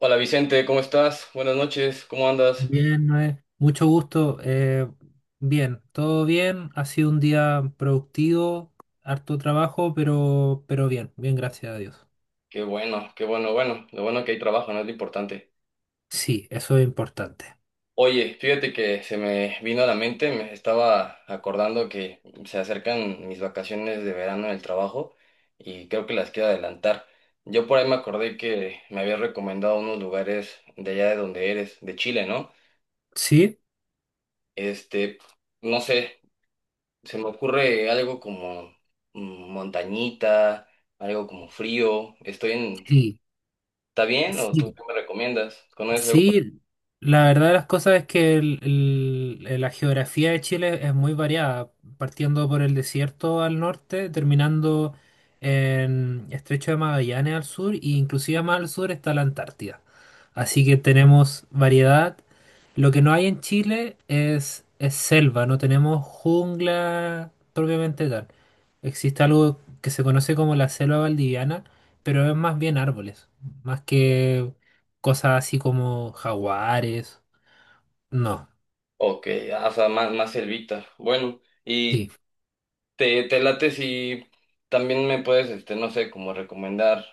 Hola Vicente, ¿cómo estás? Buenas noches, ¿cómo andas? Bien, Noé. Mucho gusto. Bien, todo bien. Ha sido un día productivo, harto trabajo, pero bien, bien, gracias a Dios. Qué bueno, bueno, lo bueno que hay trabajo, ¿no? Es lo importante. Sí, eso es importante. Oye, fíjate que se me vino a la mente, me estaba acordando que se acercan mis vacaciones de verano en el trabajo y creo que las quiero adelantar. Yo por ahí me acordé que me habías recomendado unos lugares de allá de donde eres, de Chile, ¿no? ¿Sí? Este, no sé, se me ocurre algo como montañita, algo como frío, estoy en... Sí, ¿Está bien? ¿O tú sí. qué me recomiendas? ¿Conoces algo? Sí, la verdad de las cosas es que la geografía de Chile es muy variada, partiendo por el desierto al norte, terminando en Estrecho de Magallanes al sur, e inclusive más al sur está la Antártida. Así que tenemos variedad. Lo que no hay en Chile es selva, no tenemos jungla propiamente tal. Existe algo que se conoce como la selva valdiviana, pero es más bien árboles, más que cosas así como jaguares. No, Ok, o sea, más, más selvita. Bueno, sí, y te late si también me puedes, este, no sé, como recomendar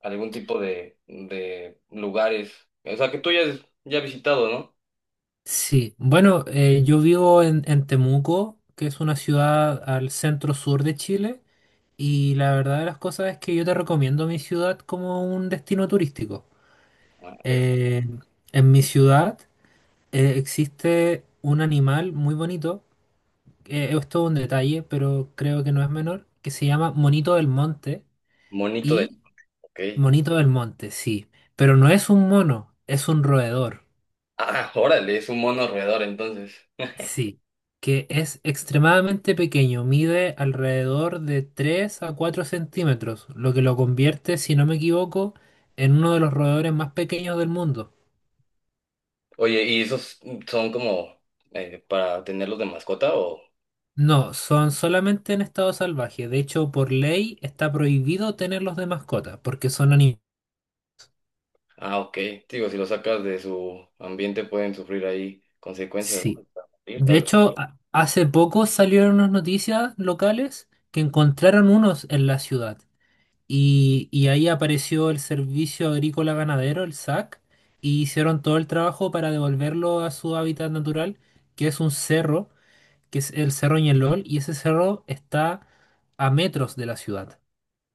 algún tipo de lugares. O sea, que tú ya has visitado, ¿no? sí. Bueno, yo vivo en Temuco, que es una ciudad al centro sur de Chile, y la verdad de las cosas es que yo te recomiendo mi ciudad como un destino turístico. Ah, perfecto. Eh, en mi ciudad existe un animal muy bonito. Esto es todo un detalle, pero creo que no es menor, que se llama Monito del Monte, Monito de... y Ok. Monito del Monte, sí, pero no es un mono, es un roedor. Ah, órale, es un mono roedor entonces. Sí, que es extremadamente pequeño, mide alrededor de 3 a 4 centímetros, lo que lo convierte, si no me equivoco, en uno de los roedores más pequeños del mundo. Oye, ¿y esos son como para tenerlos de mascota o...? No, son solamente en estado salvaje. De hecho, por ley está prohibido tenerlos de mascota porque son animales. Ah, ok. Digo, si lo sacas de su ambiente pueden sufrir ahí consecuencias, ¿no? Sí. Hasta morir, De tal vez. hecho, hace poco salieron unas noticias locales que encontraron unos en la ciudad. Y ahí apareció el Servicio Agrícola Ganadero, el SAC, y hicieron todo el trabajo para devolverlo a su hábitat natural, que es un cerro, que es el Cerro Ñelol, y ese cerro está a metros de la ciudad.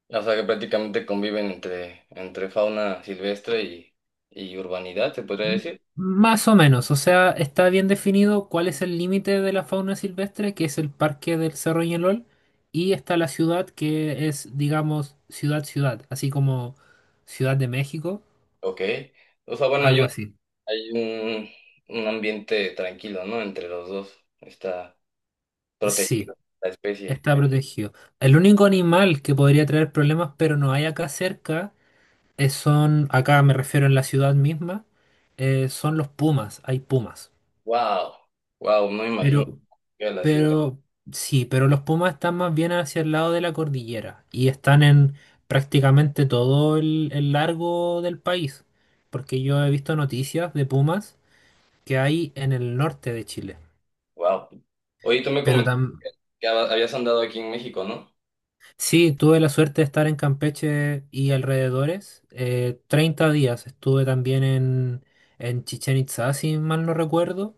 O sea que prácticamente conviven entre fauna silvestre y urbanidad, se podría M- decir. Más o menos, o sea, está bien definido cuál es el límite de la fauna silvestre, que es el parque del Cerro Ñelol, y está la ciudad, que es, digamos, ciudad-ciudad, así como Ciudad de México, Ok. O sea, bueno, hay algo un, así. hay un, un ambiente tranquilo, ¿no? Entre los dos. Está Sí. protegido la especie. Está protegido. El único animal que podría traer problemas, pero no hay acá cerca, acá me refiero en la ciudad misma, son los pumas, hay pumas. Wow. Wow, no me imagino Pero, que era la ciudad. pero, sí, pero los pumas están más bien hacia el lado de la cordillera y están en prácticamente todo el largo del país, porque yo he visto noticias de pumas que hay en el norte de Chile, Wow. Oye, tú me pero comentaste también… que habías andado aquí en México, ¿no? Sí, tuve la suerte de estar en Campeche y alrededores. 30 días estuve también en, Chichén Itzá, si mal no recuerdo.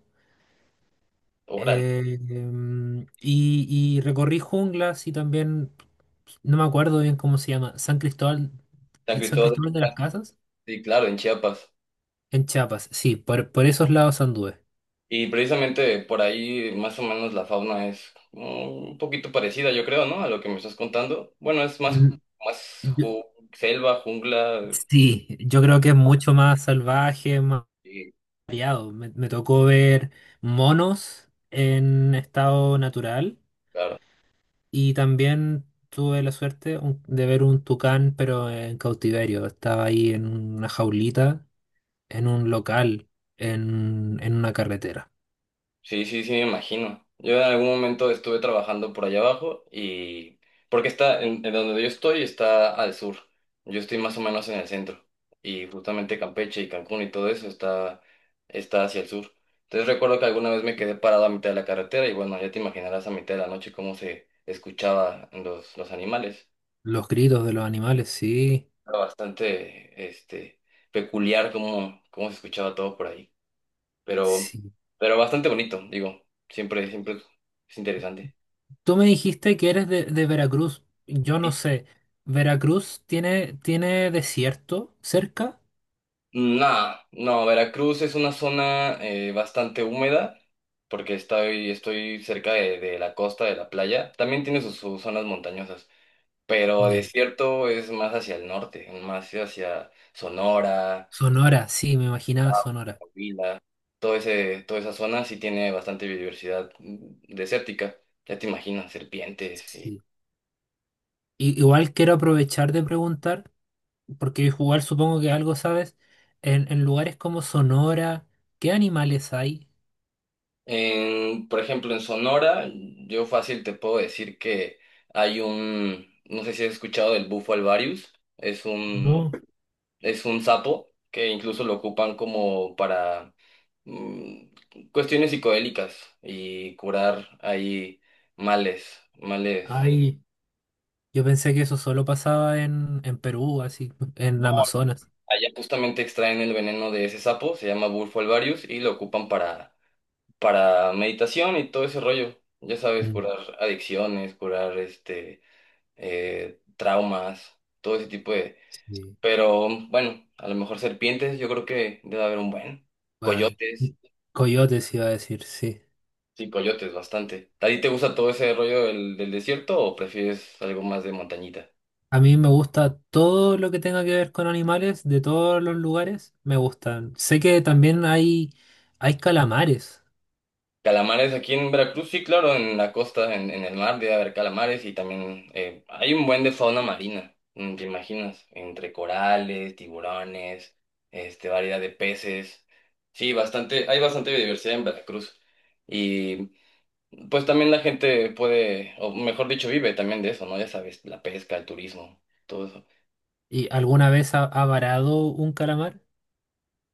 Órale. Y recorrí junglas y también, no me acuerdo bien cómo se llama, San San Cristóbal de Cristóbal de las las Casas. Casas, Sí, claro, en Chiapas. en Chiapas. Sí, por esos lados anduve. Y precisamente por ahí más o menos la fauna es un poquito parecida, yo creo, ¿no? A lo que me estás contando. Bueno, es más, Mm, más yo- selva, jungla, sí, yo creo que es mucho más salvaje, más y variado. Me tocó ver monos en estado natural y también tuve la suerte de ver un tucán, pero en cautiverio. Estaba ahí en una jaulita, en un local, en, una carretera. sí, sí, sí, me imagino. Yo en algún momento estuve trabajando por allá abajo y... Porque está, en donde yo estoy está al sur. Yo estoy más o menos en el centro. Y justamente Campeche y Cancún y todo eso está, está hacia el sur. Entonces recuerdo que alguna vez me quedé parado a mitad de la carretera y bueno, ya te imaginarás a mitad de la noche cómo se escuchaba los animales. Los gritos de los animales, sí, Era bastante, este, peculiar cómo, cómo se escuchaba todo por ahí. Pero, sí. pero bastante bonito, digo. Siempre, siempre es interesante. Tú me dijiste que eres de Veracruz. Yo no sé. ¿Veracruz tiene desierto cerca? Nada, no, no, Veracruz es una zona bastante húmeda porque estoy, estoy cerca de la costa, de la playa. También tiene sus, sus zonas montañosas, pero Ya. desierto es más hacia el norte, más hacia Sonora, Sonora, sí, me imaginaba Sonora. Coahuila. Todo ese, toda esa zona sí tiene bastante biodiversidad desértica. Ya te imaginas, serpientes. Sí. Igual quiero aprovechar de preguntar, porque igual supongo que algo sabes, en, lugares como Sonora, ¿qué animales hay? En, por ejemplo, en Sonora, yo fácil te puedo decir que hay un, no sé si has escuchado del bufo alvarius, No, es un sapo que incluso lo ocupan como para mm, cuestiones psicodélicas y curar ahí males, males. hay. Yo pensé que eso solo pasaba en Perú, así, en No, Amazonas. allá justamente extraen el veneno de ese sapo, se llama bufo alvarius y lo ocupan para meditación y todo ese rollo. Ya sabes, Mm, curar adicciones, curar este traumas, todo ese tipo de... sí, Pero bueno, a lo mejor serpientes, yo creo que debe haber un buen. vale. Coyotes, Y coyotes iba a decir, sí. sí, coyotes, bastante. ¿A ti te gusta todo ese rollo del desierto o prefieres algo más de montañita? A mí me gusta todo lo que tenga que ver con animales, de todos los lugares, me gustan. Sé que también hay calamares. Calamares aquí en Veracruz, sí, claro, en la costa, en el mar debe haber calamares y también hay un buen de fauna marina, mm, ¿te imaginas? Entre corales, tiburones, este, variedad de peces. Sí, bastante, hay bastante biodiversidad en Veracruz. Y pues también la gente puede, o mejor dicho, vive también de eso, ¿no? Ya sabes, la pesca, el turismo, todo eso. ¿Y alguna vez ha varado un calamar?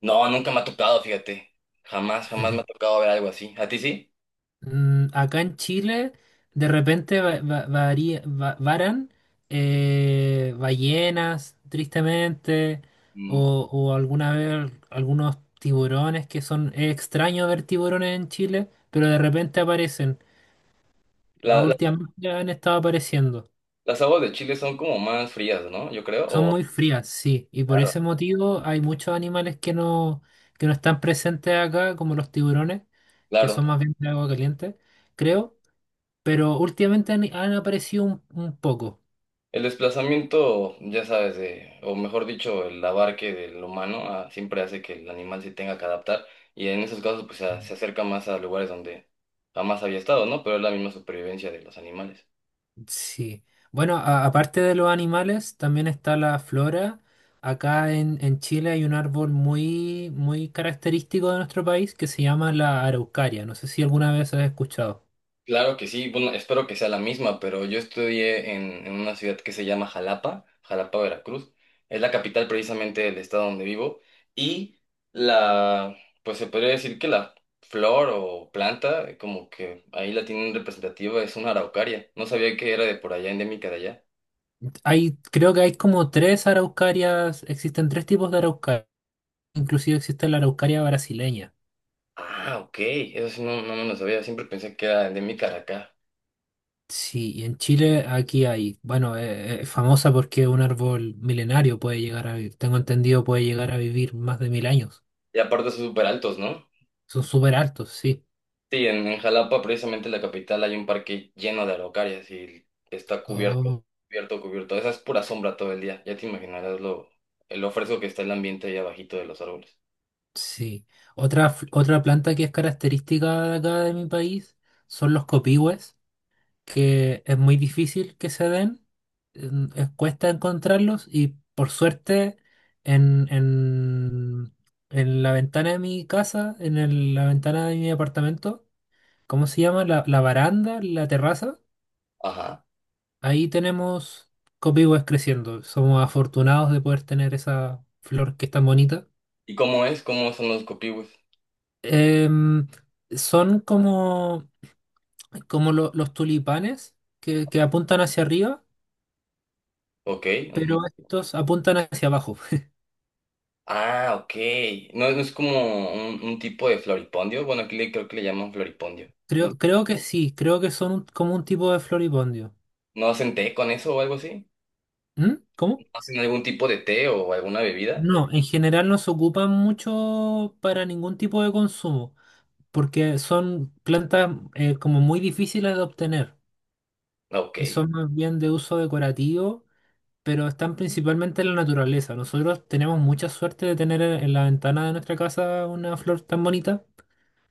No, nunca me ha tocado, fíjate. Jamás, jamás me ha tocado ver algo así. ¿A ti sí? Acá en Chile, de repente varan ballenas, tristemente, Mm. o alguna vez algunos tiburones, que son es extraño ver tiburones en Chile, pero de repente aparecen. A La- la- Últimamente han estado apareciendo. las aguas de Chile son como más frías, ¿no? Yo creo, Son o... muy frías, sí, y por Claro. ese motivo hay muchos animales que no están presentes acá, como los tiburones, que Claro. son más bien de agua caliente, Sí. creo. Pero últimamente han aparecido un poco. El desplazamiento, ya sabes, de, o mejor dicho, el abarque del humano siempre hace que el animal se tenga que adaptar y en esos casos pues se acerca más a lugares donde jamás había estado, ¿no? Pero es la misma supervivencia de los animales. Sí. Bueno, aparte de los animales, también está la flora. Acá en, Chile hay un árbol muy, muy característico de nuestro país que se llama la araucaria. No sé si alguna vez has escuchado. Claro que sí, bueno, espero que sea la misma, pero yo estudié en una ciudad que se llama Jalapa, Jalapa, Veracruz. Es la capital precisamente del estado donde vivo y la, pues se podría decir que la flor o planta, como que ahí la tienen representativa, es una araucaria. No sabía que era de por allá, endémica de allá. Hay, creo que hay como tres araucarias, existen tres tipos de araucaria. Inclusive existe la araucaria brasileña. Ah, ok, eso sí no, no me lo sabía, siempre pensé que era endémica de acá. Sí, y en Chile aquí hay, bueno, es famosa porque es un árbol milenario, puede llegar a vivir, tengo entendido, puede llegar a vivir más de 1.000 años. Y aparte son súper altos, ¿no? Son súper altos, sí. Sí, en Jalapa, precisamente la capital, hay un parque lleno de araucarias y está cubierto, Oh, cubierto, cubierto. Esa es pura sombra todo el día. Ya te imaginarás lo fresco que está el ambiente ahí abajito de los árboles. sí. Otra planta que es característica de acá de mi país son los copihues, que es muy difícil que se den, cuesta encontrarlos y por suerte en, en, en la ventana de mi casa, en la ventana de mi apartamento, ¿cómo se llama? La baranda, la terraza. Ajá. Ahí tenemos copihue creciendo. Somos afortunados de poder tener esa flor que es tan bonita. ¿Y cómo es? ¿Cómo son los copihues? Em, Son como los tulipanes que apuntan hacia arriba, Ok. Ujú. pero estos apuntan hacia abajo. Ah, ok. No, no es como un tipo de floripondio. Bueno, aquí le, creo que le llaman floripondio. Creo que sí, creo que son como un tipo de floripondio. ¿No hacen té con eso o algo así? ¿Mm? ¿Cómo? ¿Hacen algún tipo de té o alguna bebida? No, en general no se ocupan mucho para ningún tipo de consumo, porque son plantas como muy difíciles de obtener Ok. y son más bien de uso decorativo, pero están principalmente en la naturaleza. Nosotros tenemos mucha suerte de tener en la ventana de nuestra casa una flor tan bonita,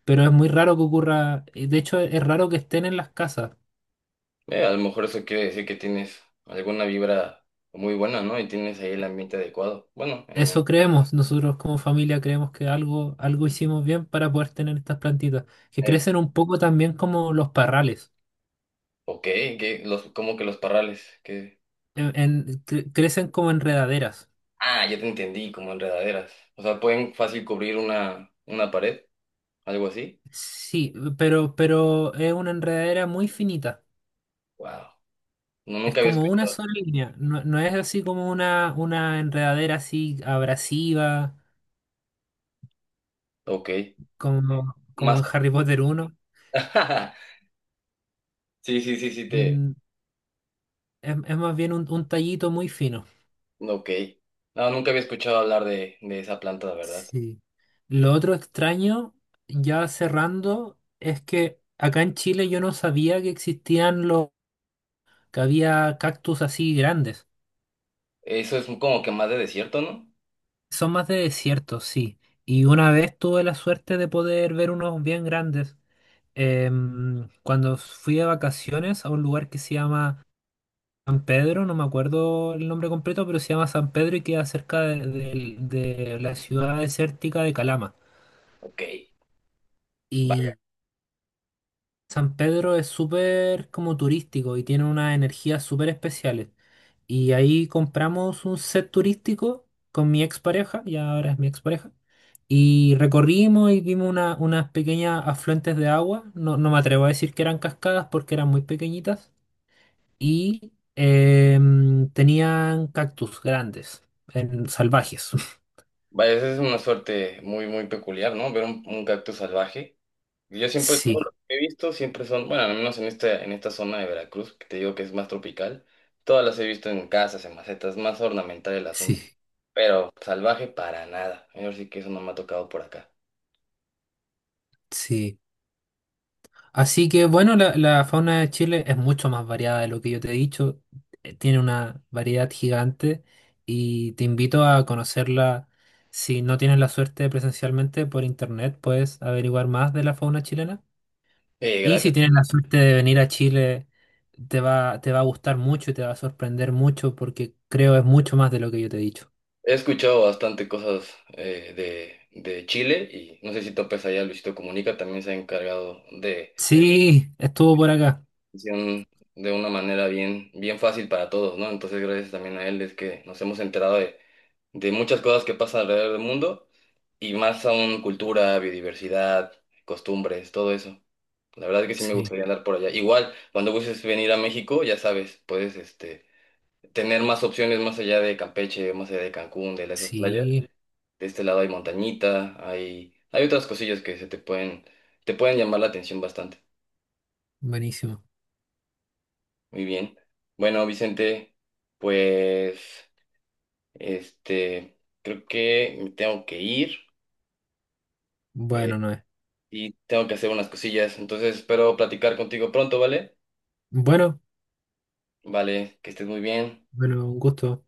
pero es muy raro que ocurra, y de hecho es raro que estén en las casas. A lo mejor eso quiere decir que tienes alguna vibra muy buena, ¿no? Y tienes ahí el ambiente adecuado. Bueno, Eso creemos, nosotros como familia creemos que algo hicimos bien para poder tener estas plantitas, que eso. crecen un poco también como los parrales, Ok, que los, como que los parrales, que... crecen como enredaderas. Ah, ya te entendí, como enredaderas. O sea, pueden fácil cubrir una pared, algo así. Sí, pero es una enredadera muy finita. Wow. No, Es nunca había como una escuchado. sola línea. No, no es así como una enredadera así abrasiva, Ok. como Más. en Harry Potter uno, Sí, sí, sí, sí, te... Mm, es más bien un tallito muy fino. Ok. No, nunca había escuchado hablar de esa planta, la verdad. Sí. Lo otro extraño, ya cerrando, es que acá en Chile yo no sabía que existían que había cactus así grandes. Eso es como que más de desierto, ¿no? Son más de desierto, sí. Y una vez tuve la suerte de poder ver unos bien grandes, cuando fui de vacaciones a un lugar que se llama San Pedro, no me acuerdo el nombre completo, pero se llama San Pedro y queda cerca de la ciudad desértica de Calama. Ok. Y San Pedro es súper como turístico y tiene unas energías súper especiales. Y ahí compramos un set turístico con mi expareja, y ahora es mi expareja. Y recorrimos y vimos unas pequeñas afluentes de agua. No, no me atrevo a decir que eran cascadas porque eran muy pequeñitas y tenían cactus grandes, salvajes. Vaya, esa es una suerte muy, muy peculiar, ¿no? Ver un cactus salvaje. Yo siempre, todo lo Sí, que he visto, siempre son, bueno, al menos en esta zona de Veracruz, que te digo que es más tropical, todas las he visto en casas, en macetas, más ornamental el sí, asunto, pero salvaje para nada. Yo sí que eso no me ha tocado por acá. sí. Así que bueno, la fauna de Chile es mucho más variada de lo que yo te he dicho. Tiene una variedad gigante y te invito a conocerla. Si no tienes la suerte presencialmente, por internet puedes averiguar más de la fauna chilena. Y si Gracias. tienes la suerte de venir a Chile, te va a gustar mucho y te va a sorprender mucho porque creo es mucho más de lo que yo te he dicho. He escuchado bastante cosas de Chile y no sé si topes allá, Luisito Comunica también se ha encargado de Sí, estuvo por acá. atención de una manera bien, bien fácil para todos, ¿no? Entonces, gracias también a él es que nos hemos enterado de muchas cosas que pasan alrededor del mundo y más aún cultura, biodiversidad, costumbres, todo eso. La verdad es que sí me Sí, gustaría andar por allá. Igual, cuando gustes venir a México, ya sabes, puedes este, tener más opciones más allá de Campeche, más allá de Cancún, de esas playas. sí, De este lado hay montañita, hay otras cosillas que se te pueden llamar la atención bastante. buenísimo. Muy bien. Bueno, Vicente, pues este, creo que me tengo que ir Bueno, eh, no es. y tengo que hacer unas cosillas, entonces espero platicar contigo pronto, ¿vale? Bueno, Vale, que estés muy bien. bueno, un gusto.